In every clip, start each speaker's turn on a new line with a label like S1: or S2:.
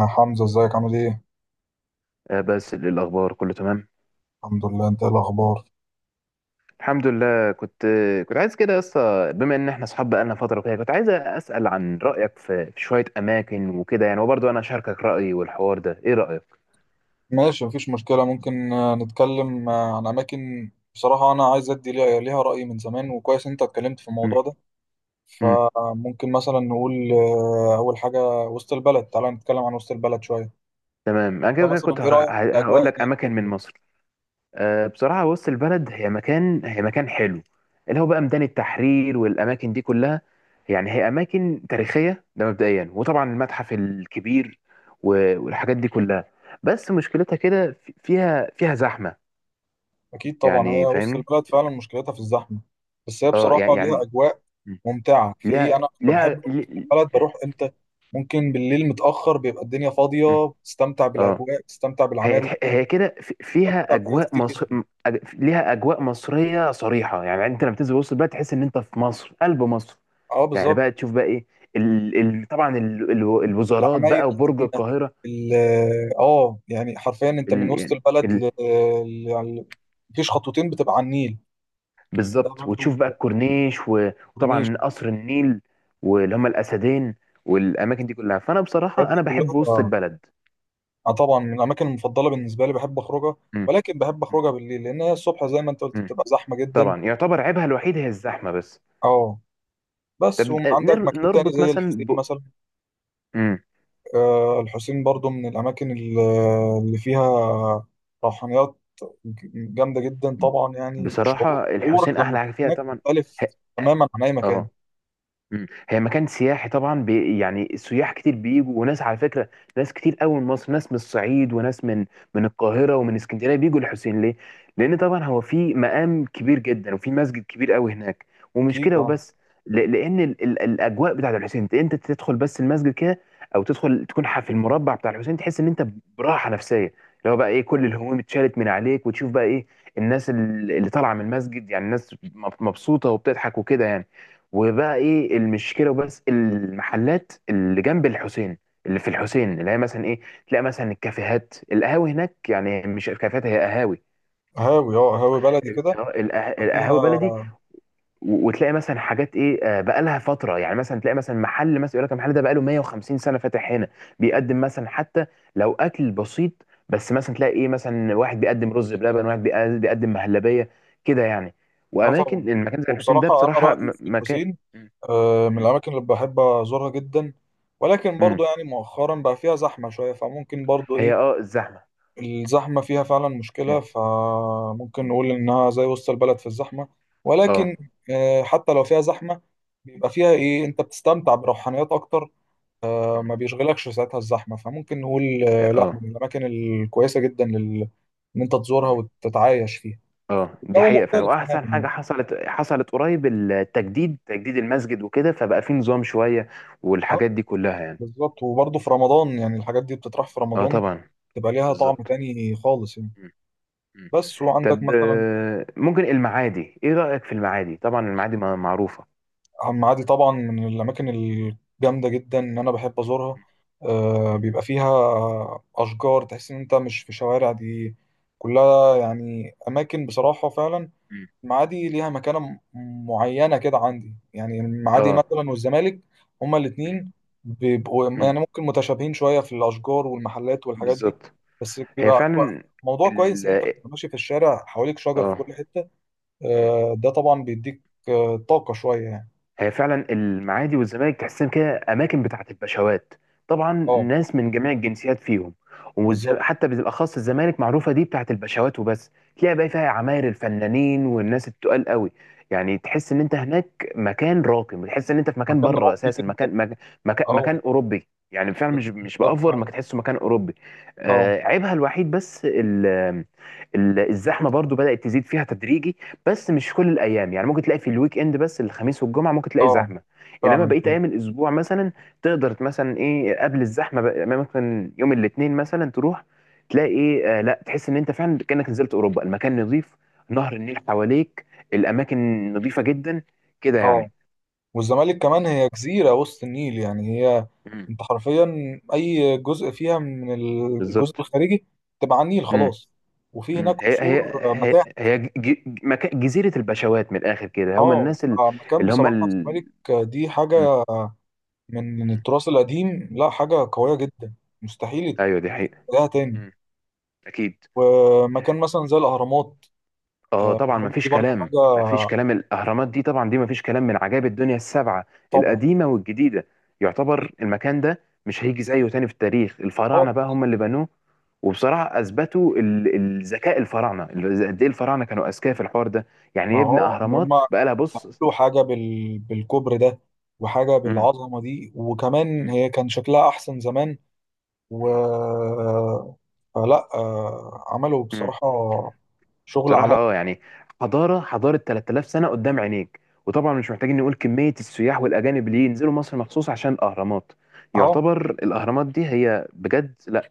S1: يا حمزة، ازيك عامل ايه؟
S2: آه، بس إيه الاخبار؟ كله تمام.
S1: الحمد لله. انت ايه الاخبار؟
S2: الحمد لله. كنت عايز كده يا اسطى، بما ان احنا اصحاب بقالنا فتره وكده، كنت عايز اسال عن رايك في شويه اماكن وكده يعني، وبرضه انا اشاركك رايي والحوار ده. ايه رايك؟
S1: ماشي، مفيش مشكلة. ممكن نتكلم عن اماكن. بصراحة انا عايز ادي ليها رأي من زمان، وكويس انت اتكلمت في الموضوع ده.
S2: امم.
S1: فممكن مثلا نقول اول حاجة وسط البلد. تعالى نتكلم عن وسط البلد شوية.
S2: تمام. انا كده
S1: انت
S2: كده
S1: مثلا
S2: كنت
S1: ايه رأيك في الاجواء
S2: هقول لك
S1: هناك
S2: اماكن من مصر. بصراحة وسط البلد هي مكان حلو، اللي هو بقى ميدان التحرير والأماكن دي كلها. يعني هي أماكن تاريخية، ده مبدئيا، وطبعا المتحف الكبير والحاجات دي كلها. بس مشكلتها كده فيها زحمة.
S1: اكيد طبعا، هي
S2: يعني
S1: وسط
S2: فاهمني؟
S1: البلد فعلا مشكلتها في الزحمة. بس هي
S2: اه،
S1: بصراحة
S2: يعني
S1: ليها
S2: يعني
S1: اجواء
S2: م.
S1: ممتعة في ايه.
S2: ليها
S1: انا لما بحب
S2: ليها
S1: أروح
S2: لي-
S1: البلد بروح امتى؟ ممكن بالليل متأخر، بيبقى الدنيا
S2: م.
S1: فاضية، بتستمتع
S2: اه.
S1: بالاجواء، بتستمتع بالعماير
S2: هي
S1: القديمة،
S2: كده فيها
S1: بتستمتع بحاجات
S2: أجواء
S1: كتير
S2: مصر
S1: جدا.
S2: م- ليها أجواء مصرية صريحة، يعني أنت لما تنزل وسط البلد تحس إن أنت في مصر، قلب مصر.
S1: اه،
S2: يعني
S1: بالظبط.
S2: بقى تشوف بقى ايه. طبعا الوزارات
S1: العماير
S2: بقى وبرج
S1: القديمة.
S2: القاهره.
S1: ال- اه يعني حرفيا انت من
S2: ال...
S1: وسط
S2: يعني
S1: البلد
S2: ال...
S1: يعني مفيش خطوتين بتبقى على النيل. ده
S2: بالظبط.
S1: برضو
S2: وتشوف بقى الكورنيش،
S1: كورنيش.
S2: وطبعا قصر النيل واللي هم الاسدين والاماكن دي كلها. فانا
S1: الحاجات
S2: بصراحه
S1: دي
S2: انا بحب وسط
S1: كلها.
S2: البلد.
S1: اه طبعا، من الاماكن المفضلة بالنسبة لي بحب اخرجها،
S2: مم.
S1: ولكن بحب
S2: مم.
S1: اخرجها بالليل، لان هي الصبح زي ما انت قلت
S2: مم.
S1: بتبقى زحمة جدا.
S2: طبعا يعتبر عيبها الوحيد هي الزحمه بس.
S1: اه. بس
S2: طب
S1: وعندك مكان تاني
S2: نربط
S1: زي
S2: مثلا
S1: الحسين
S2: ب...
S1: مثلا.
S2: مم.
S1: الحسين برضو من الأماكن اللي فيها روحانيات جامدة جدا. طبعا يعني
S2: بصراحه
S1: شعورك
S2: الحسين
S1: لما
S2: احلى
S1: تكون
S2: حاجه فيها
S1: هناك
S2: طبعا.
S1: مختلف
S2: ه-
S1: تماما عن أي مكان.
S2: اه. مم. هي مكان سياحي طبعا، بي يعني السياح كتير بيجوا، وناس على فكره. ناس كتير قوي من مصر، ناس من الصعيد وناس من من القاهره ومن اسكندريه بيجوا الحسين. ليه؟ لان طبعا هو في مقام كبير جدا وفي مسجد كبير قوي هناك. ومش
S1: أكيد.
S2: كده
S1: أه،
S2: وبس. لان ال الاجواء بتاعت الحسين، أنت تدخل بس المسجد كده، او تدخل تكون في المربع بتاع الحسين، تحس ان انت براحه نفسيه، اللي هو بقى ايه، كل الهموم اتشالت من عليك. وتشوف بقى ايه الناس اللي طالعه من المسجد، يعني الناس مبسوطه وبتضحك وكده يعني. وبقى ايه المشكله وبس؟ المحلات اللي جنب الحسين، اللي في الحسين، اللي هي مثلا ايه، تلاقي مثلا الكافيهات القهاوي هناك. يعني مش كافيهات، هي قهاوي.
S1: هاوي هاوي بلدي كده. فيها.
S2: القهاوي بلدي. وتلاقي مثلا حاجات ايه بقالها فتره. يعني مثلا تلاقي مثلا محل مثلا يقول لك المحل ده بقاله 150 سنه فاتح هنا، بيقدم مثلا حتى لو اكل بسيط. بس مثلا تلاقي ايه، مثلا واحد بيقدم رز بلبن، واحد بيقدم مهلبيه، كده يعني.
S1: أه طبعا.
S2: واماكن المكان زي الحسين ده
S1: وبصراحة أنا
S2: بصراحه
S1: رأيي في
S2: مكان.
S1: الحسين من
S2: مم.
S1: الأماكن اللي بحب أزورها جدا. ولكن
S2: مم.
S1: برضو يعني مؤخرا بقى فيها زحمة شوية، فممكن برضو
S2: هي
S1: إيه،
S2: اه الزحمه.
S1: الزحمة فيها فعلا
S2: مم.
S1: مشكلة. فممكن
S2: مم.
S1: نقول إنها زي وسط البلد في الزحمة،
S2: اه.
S1: ولكن حتى لو فيها زحمة، بيبقى فيها إيه، أنت بتستمتع بروحانيات أكتر.
S2: مم.
S1: ما بيشغلكش ساعتها الزحمة. فممكن نقول لا،
S2: اه.
S1: من الأماكن الكويسة جدا إن أنت تزورها
S2: مم.
S1: وتتعايش فيها.
S2: اه، دي
S1: الجو
S2: حقيقه فعلا.
S1: مختلف تماما
S2: واحسن
S1: يعني.
S2: حاجه حصلت قريب، تجديد المسجد وكده، فبقى فيه نظام شويه
S1: أه،
S2: والحاجات دي كلها يعني.
S1: بالظبط. وبرضه في رمضان يعني الحاجات دي بتطرح في
S2: اه
S1: رمضان،
S2: طبعا.
S1: تبقى ليها طعم
S2: بالظبط.
S1: تاني خالص يعني.
S2: مم. مم.
S1: بس وعندك
S2: طب
S1: مثلا
S2: ممكن المعادي. ايه رايك في المعادي؟ طبعا المعادي معروفه.
S1: عم عادل، طبعا من الأماكن الجامدة جدا إن أنا بحب أزورها. آه
S2: مم.
S1: بيبقى فيها أشجار، تحس إن أنت مش في شوارع دي كلها يعني، أماكن بصراحة فعلا.
S2: مم.
S1: المعادي ليها مكانة معينة كده عندي. يعني المعادي
S2: اه.
S1: مثلا والزمالك هما
S2: مم.
S1: الاتنين بيبقوا
S2: مم.
S1: يعني ممكن متشابهين شوية في الأشجار والمحلات والحاجات دي.
S2: بالظبط.
S1: بس
S2: هي
S1: بيبقى
S2: فعلا
S1: موضوع كويس
S2: ال
S1: إن أنت بتبقى ماشي في الشارع حواليك شجر في
S2: اه.
S1: كل حتة.
S2: مم.
S1: آه، ده طبعا بيديك آه طاقة شوية يعني.
S2: هي فعلا المعادي والزمالك تحسهم كده اماكن بتاعت البشوات، طبعا
S1: اه
S2: ناس من جميع الجنسيات فيهم.
S1: بالظبط،
S2: حتى بالاخص الزمالك معروفه دي بتاعت البشوات وبس. تلاقي بقى فيها عماير الفنانين والناس التقال قوي، يعني تحس ان انت هناك مكان راقي، تحس ان انت في مكان
S1: مكان
S2: بره
S1: راقي
S2: اساسا،
S1: جدا.
S2: مكان،
S1: اه
S2: مكان اوروبي. يعني فعلا مش
S1: بالظبط
S2: بافور
S1: فعلا.
S2: ما تحسه مكان اوروبي.
S1: اه.
S2: عيبها الوحيد بس، الزحمه برضو بدات تزيد فيها تدريجي، بس مش كل الايام. يعني ممكن تلاقي في الويك اند بس، الخميس والجمعه ممكن تلاقي
S1: اه
S2: زحمه. انما
S1: فعلا.
S2: بقيه
S1: طيب.
S2: ايام الاسبوع مثلا تقدر مثلا ايه قبل الزحمه بقى. يعني ممكن يوم الاثنين مثلا تروح، تلاقي ايه، لا تحس ان انت فعلا كانك نزلت اوروبا. المكان نظيف، نهر النيل حواليك، الاماكن نظيفه جدا كده
S1: اه.
S2: يعني.
S1: والزمالك كمان هي جزيرة وسط النيل يعني. هي
S2: امم.
S1: انت حرفيا اي جزء فيها من الجزء
S2: بالظبط.
S1: الخارجي تبقى على النيل
S2: امم.
S1: خلاص. وفي
S2: امم.
S1: هناك
S2: هي هي
S1: قصور، متاحف.
S2: هي, هي ج- جزيره البشوات من الاخر كده، هم
S1: اه،
S2: الناس
S1: مكان
S2: اللي هم
S1: بصراحة
S2: ال...
S1: الزمالك دي
S2: مم.
S1: حاجة من
S2: مم.
S1: التراث القديم، لا حاجة قوية
S2: مم.
S1: جدا مستحيل
S2: ايوه دي حقيقه.
S1: تلاقيها تاني.
S2: مم. اكيد.
S1: ومكان مثلا زي الأهرامات.
S2: اه طبعا،
S1: الأهرامات
S2: مفيش
S1: دي برضه
S2: كلام
S1: حاجة.
S2: مفيش كلام، الاهرامات دي طبعا دي مفيش كلام، من عجائب الدنيا السبعه،
S1: طبعا.
S2: القديمه والجديده.
S1: أكيد.
S2: يعتبر المكان ده مش هيجي زيه تاني في التاريخ.
S1: طبعا.
S2: الفراعنه بقى هم اللي بنوه. وبصراحه اثبتوا الذكاء الفراعنه، قد ايه الفراعنه كانوا اذكياء في الحوار ده. يعني
S1: ما
S2: يبني
S1: هو ان هم
S2: اهرامات بقى لها بص.
S1: عملوا حاجة بالكبر ده، وحاجة
S2: مم.
S1: بالعظمة دي، وكمان
S2: مم.
S1: هي كان شكلها أحسن زمان. و فلا عملوا
S2: مم.
S1: بصراحة شغل
S2: بصراحة
S1: على.
S2: اه يعني، حضارة 3000 سنة قدام عينيك. وطبعا مش محتاجين نقول كمية السياح والأجانب اللي ينزلوا مصر مخصوص عشان الأهرامات.
S1: أهو.
S2: يعتبر الأهرامات دي هي بجد لا،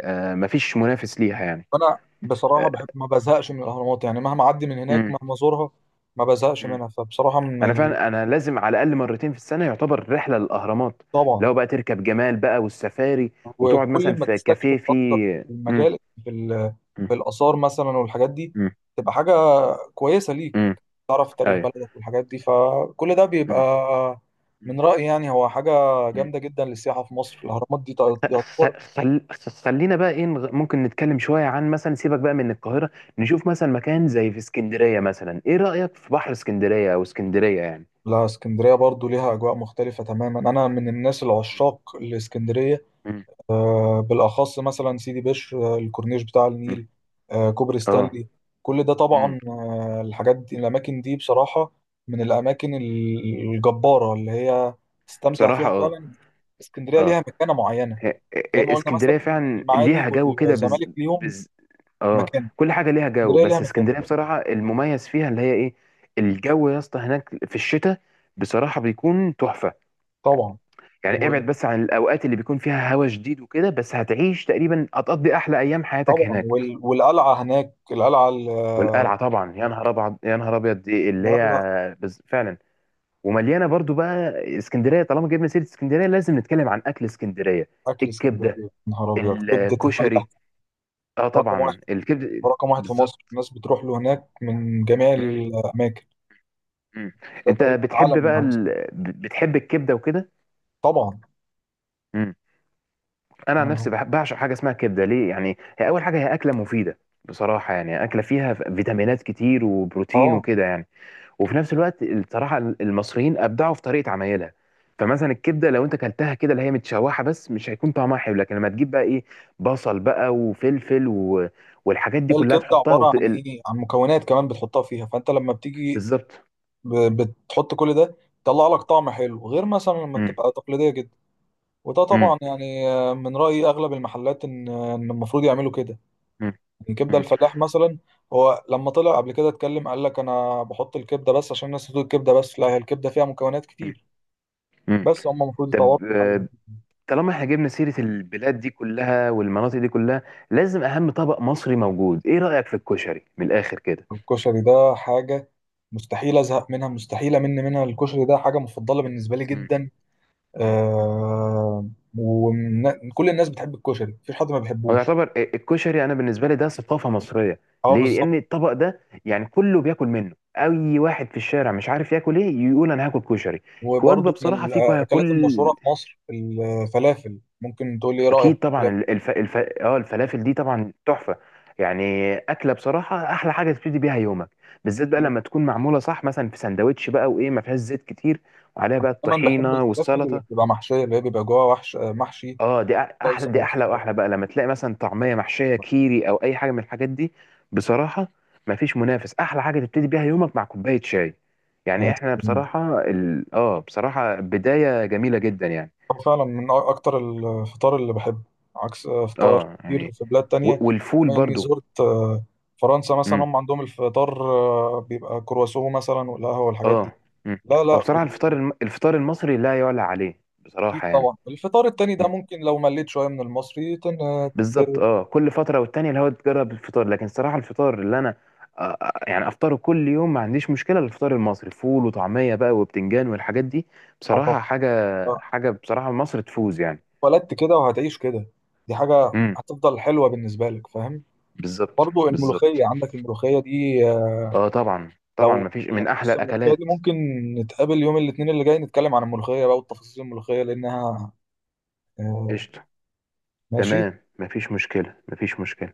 S2: آه مفيش منافس ليها يعني.
S1: أنا بصراحة
S2: آه.
S1: بحب ما بزهقش من الأهرامات يعني، مهما أعدي من هناك
S2: مم،
S1: مهما أزورها ما بزهقش
S2: مم.
S1: منها. فبصراحة من
S2: أنا فعلا أنا لازم على الأقل مرتين في السنة يعتبر رحلة للأهرامات،
S1: طبعا.
S2: لو بقى تركب جمال بقى والسفاري، وتقعد مثلا
S1: وكل ما
S2: في كافيه
S1: تستكشف أكتر
S2: فيه.
S1: في
S2: مم،
S1: المجال، في, ال...
S2: مم،
S1: في الآثار مثلا والحاجات دي،
S2: مم،
S1: تبقى حاجة كويسة ليك.
S2: مم.
S1: تعرف تاريخ
S2: أيوه.
S1: بلدك والحاجات دي، فكل ده
S2: مم،
S1: بيبقى من رأيي يعني هو حاجة
S2: مم،
S1: جامدة جدا للسياحة في مصر. الأهرامات دي تعتبر.
S2: خلينا بقى ايه ممكن نتكلم شوية عن مثلا. سيبك بقى من القاهرة، نشوف مثلا مكان زي في اسكندرية مثلا. ايه رأيك في بحر اسكندرية او اسكندرية يعني؟
S1: لا، اسكندرية برضو ليها أجواء مختلفة تماما. أنا من الناس العشاق لإسكندرية،
S2: مم.
S1: بالأخص مثلا سيدي بشر، الكورنيش بتاع
S2: مم.
S1: النيل، كوبري
S2: اه.
S1: ستانلي. كل ده
S2: مم.
S1: طبعا، الحاجات دي الأماكن دي بصراحة من الأماكن الجبارة اللي هي تستمتع
S2: بصراحة
S1: فيها فعلا. اسكندرية
S2: اه
S1: ليها مكانة معينة
S2: ه-
S1: زي ما
S2: ه-
S1: قلنا مثلا.
S2: اسكندرية فعلا
S1: المعادي
S2: ليها جو كده،
S1: والزمالك ليهم
S2: بز... اه.
S1: مكان.
S2: كل حاجة ليها جو،
S1: اسكندريه ليها
S2: بس
S1: مكان.
S2: اسكندرية بصراحة المميز فيها اللي هي ايه، الجو يا اسطى هناك في الشتاء بصراحة بيكون تحفة.
S1: طبعا.
S2: يعني ابعد بس عن الاوقات اللي بيكون فيها هوا شديد وكده، بس تقريبا هتقضي احلى ايام حياتك
S1: وطبعا
S2: هناك.
S1: والقلعه هناك، القلعه
S2: والقلعه طبعا، يا نهار ابيض يا نهار ابيض، دي اللي
S1: لا لا.
S2: هي فعلا، ومليانه برضو بقى. اسكندريه طالما جبنا سيره اسكندريه لازم نتكلم عن اكل اسكندريه.
S1: اكل اسكندريه
S2: الكبده.
S1: يا نهار ابيض، كبده الفلاح.
S2: الكشري. اه
S1: رقم واحد.
S2: طبعا، الكبده
S1: رقم واحد في مصر،
S2: بالظبط.
S1: الناس بتروح له هناك من جميع
S2: مم.
S1: الاماكن.
S2: مم.
S1: ده
S2: انت
S1: تقريبا
S2: بتحب
S1: علم من
S2: بقى
S1: علم اسكندريه.
S2: بتحب الكبده وكده.
S1: طبعا.
S2: إمم. انا عن نفسي
S1: ما-
S2: بعشق حاجه اسمها كبده. ليه؟ يعني هي اول حاجه، هي اكله مفيده، بصراحه يعني اكله فيها فيتامينات كتير وبروتين
S1: اه.
S2: وكده يعني. وفي نفس الوقت الصراحه المصريين ابدعوا في طريقه عمايلها. فمثلا الكبده لو انت كلتها كده اللي هي متشوحه بس مش هيكون طعمها حلو، لكن لما تجيب بقى ايه بصل بقى وفلفل والحاجات دي كلها
S1: الكبده
S2: تحطها
S1: عباره عن
S2: وتقل.
S1: ايه، عن مكونات كمان بتحطها فيها. فانت لما بتيجي
S2: بالظبط.
S1: ب... بتحط كل ده، يطلع لك طعم حلو غير مثلا لما
S2: مم.
S1: بتبقى تقليديه جدا. وده
S2: مم.
S1: طبعا يعني من رأي أغلب المحلات إن المفروض يعملوا كده.
S2: مم.
S1: يعني كبدة
S2: مم.
S1: الفلاح مثلا، هو لما طلع قبل كده اتكلم قال لك أنا بحط الكبدة بس عشان الناس بتقول الكبدة بس. لا، هي الكبدة فيها مكونات كتير.
S2: مم.
S1: بس هم المفروض
S2: طب
S1: يطوروا من حاجة زي كده.
S2: طالما احنا جبنا سيرة البلاد دي كلها والمناطق دي كلها، لازم أهم طبق مصري موجود، إيه رأيك في الكشري من الآخر كده؟
S1: الكشري ده حاجة مستحيل أزهق منها، مستحيل أمل منها. الكشري ده حاجة مفضلة بالنسبة لي
S2: مم.
S1: جدا.
S2: مم.
S1: آه. وكل الناس بتحب الكشري، مفيش حد ما
S2: هو
S1: بيحبوش.
S2: يعتبر الكشري، أنا بالنسبة لي ده ثقافة مصرية.
S1: اه،
S2: ليه؟
S1: بالظبط.
S2: لأن الطبق ده يعني كله بياكل منه، أي واحد في الشارع مش عارف ياكل إيه يقول أنا هاكل كشري. وجبة
S1: وبرضه من
S2: بصراحة في
S1: الأكلات المشهورة
S2: كل.
S1: في مصر الفلافل. ممكن تقول لي إيه رأيك
S2: اكيد
S1: في
S2: طبعا
S1: الفلافل؟
S2: الفلافل دي طبعا تحفه. يعني اكله بصراحه احلى حاجه تبتدي بيها يومك، بالذات بقى
S1: إيه؟
S2: لما تكون معموله صح، مثلا في سندوتش بقى، وايه، ما فيهاش زيت كتير، وعليها بقى
S1: دايما بحب
S2: الطحينه
S1: الفلافل اللي
S2: والسلطه.
S1: بتبقى محشية، اللي هي بيبقى جواها وحش محشي،
S2: اه دي
S1: صلصة
S2: احلى، دي
S1: أو كده.
S2: احلى واحلى بقى لما تلاقي مثلا طعميه محشيه كيري او اي حاجه من الحاجات دي. بصراحه ما فيش منافس، احلى حاجه تبتدي بيها يومك مع كوبايه شاي. يعني احنا بصراحه ال... اه بصراحه بدايه جميله جدا يعني.
S1: هو فعلا من أكتر الفطار اللي بحبه، عكس فطار
S2: اه
S1: كتير
S2: يعني،
S1: في بلاد تانية.
S2: والفول
S1: بما إني
S2: برضو.
S1: زرت فرنسا مثلا،
S2: مم.
S1: هم عندهم الفطار بيبقى كرواسون مثلا والقهوة والحاجات دي.
S2: اه. مم.
S1: لا
S2: هو
S1: لا.
S2: بصراحة الفطار المصري لا يعلى عليه،
S1: أكيد
S2: بصراحة يعني.
S1: طبعا الفطار التاني ده
S2: مم.
S1: ممكن لو مليت شوية من المصري
S2: بالظبط.
S1: ت-
S2: اه كل فترة والتانية اللي هو تجرب الفطار، لكن صراحة الفطار اللي انا يعني افطره كل يوم ما عنديش مشكلة، الفطار المصري فول وطعمية بقى وبتنجان والحاجات دي،
S1: اه
S2: بصراحة حاجة،
S1: طبعا.
S2: حاجة بصراحة مصر تفوز يعني.
S1: اتولدت كده وهتعيش كده. دي حاجة
S2: امم.
S1: هتفضل حلوة بالنسبة لك فاهم.
S2: بالظبط
S1: برضو
S2: بالظبط.
S1: الملوخية، عندك الملوخية دي. آه،
S2: اه طبعا طبعا،
S1: لو
S2: مفيش
S1: يعني
S2: من احلى
S1: بص الملوخية دي
S2: الاكلات.
S1: ممكن نتقابل يوم الاثنين اللي جاي، نتكلم عن الملوخية بقى وتفاصيل الملوخية لأنها آه،
S2: قشطة.
S1: ماشي.
S2: تمام، مفيش مشكلة مفيش مشكلة.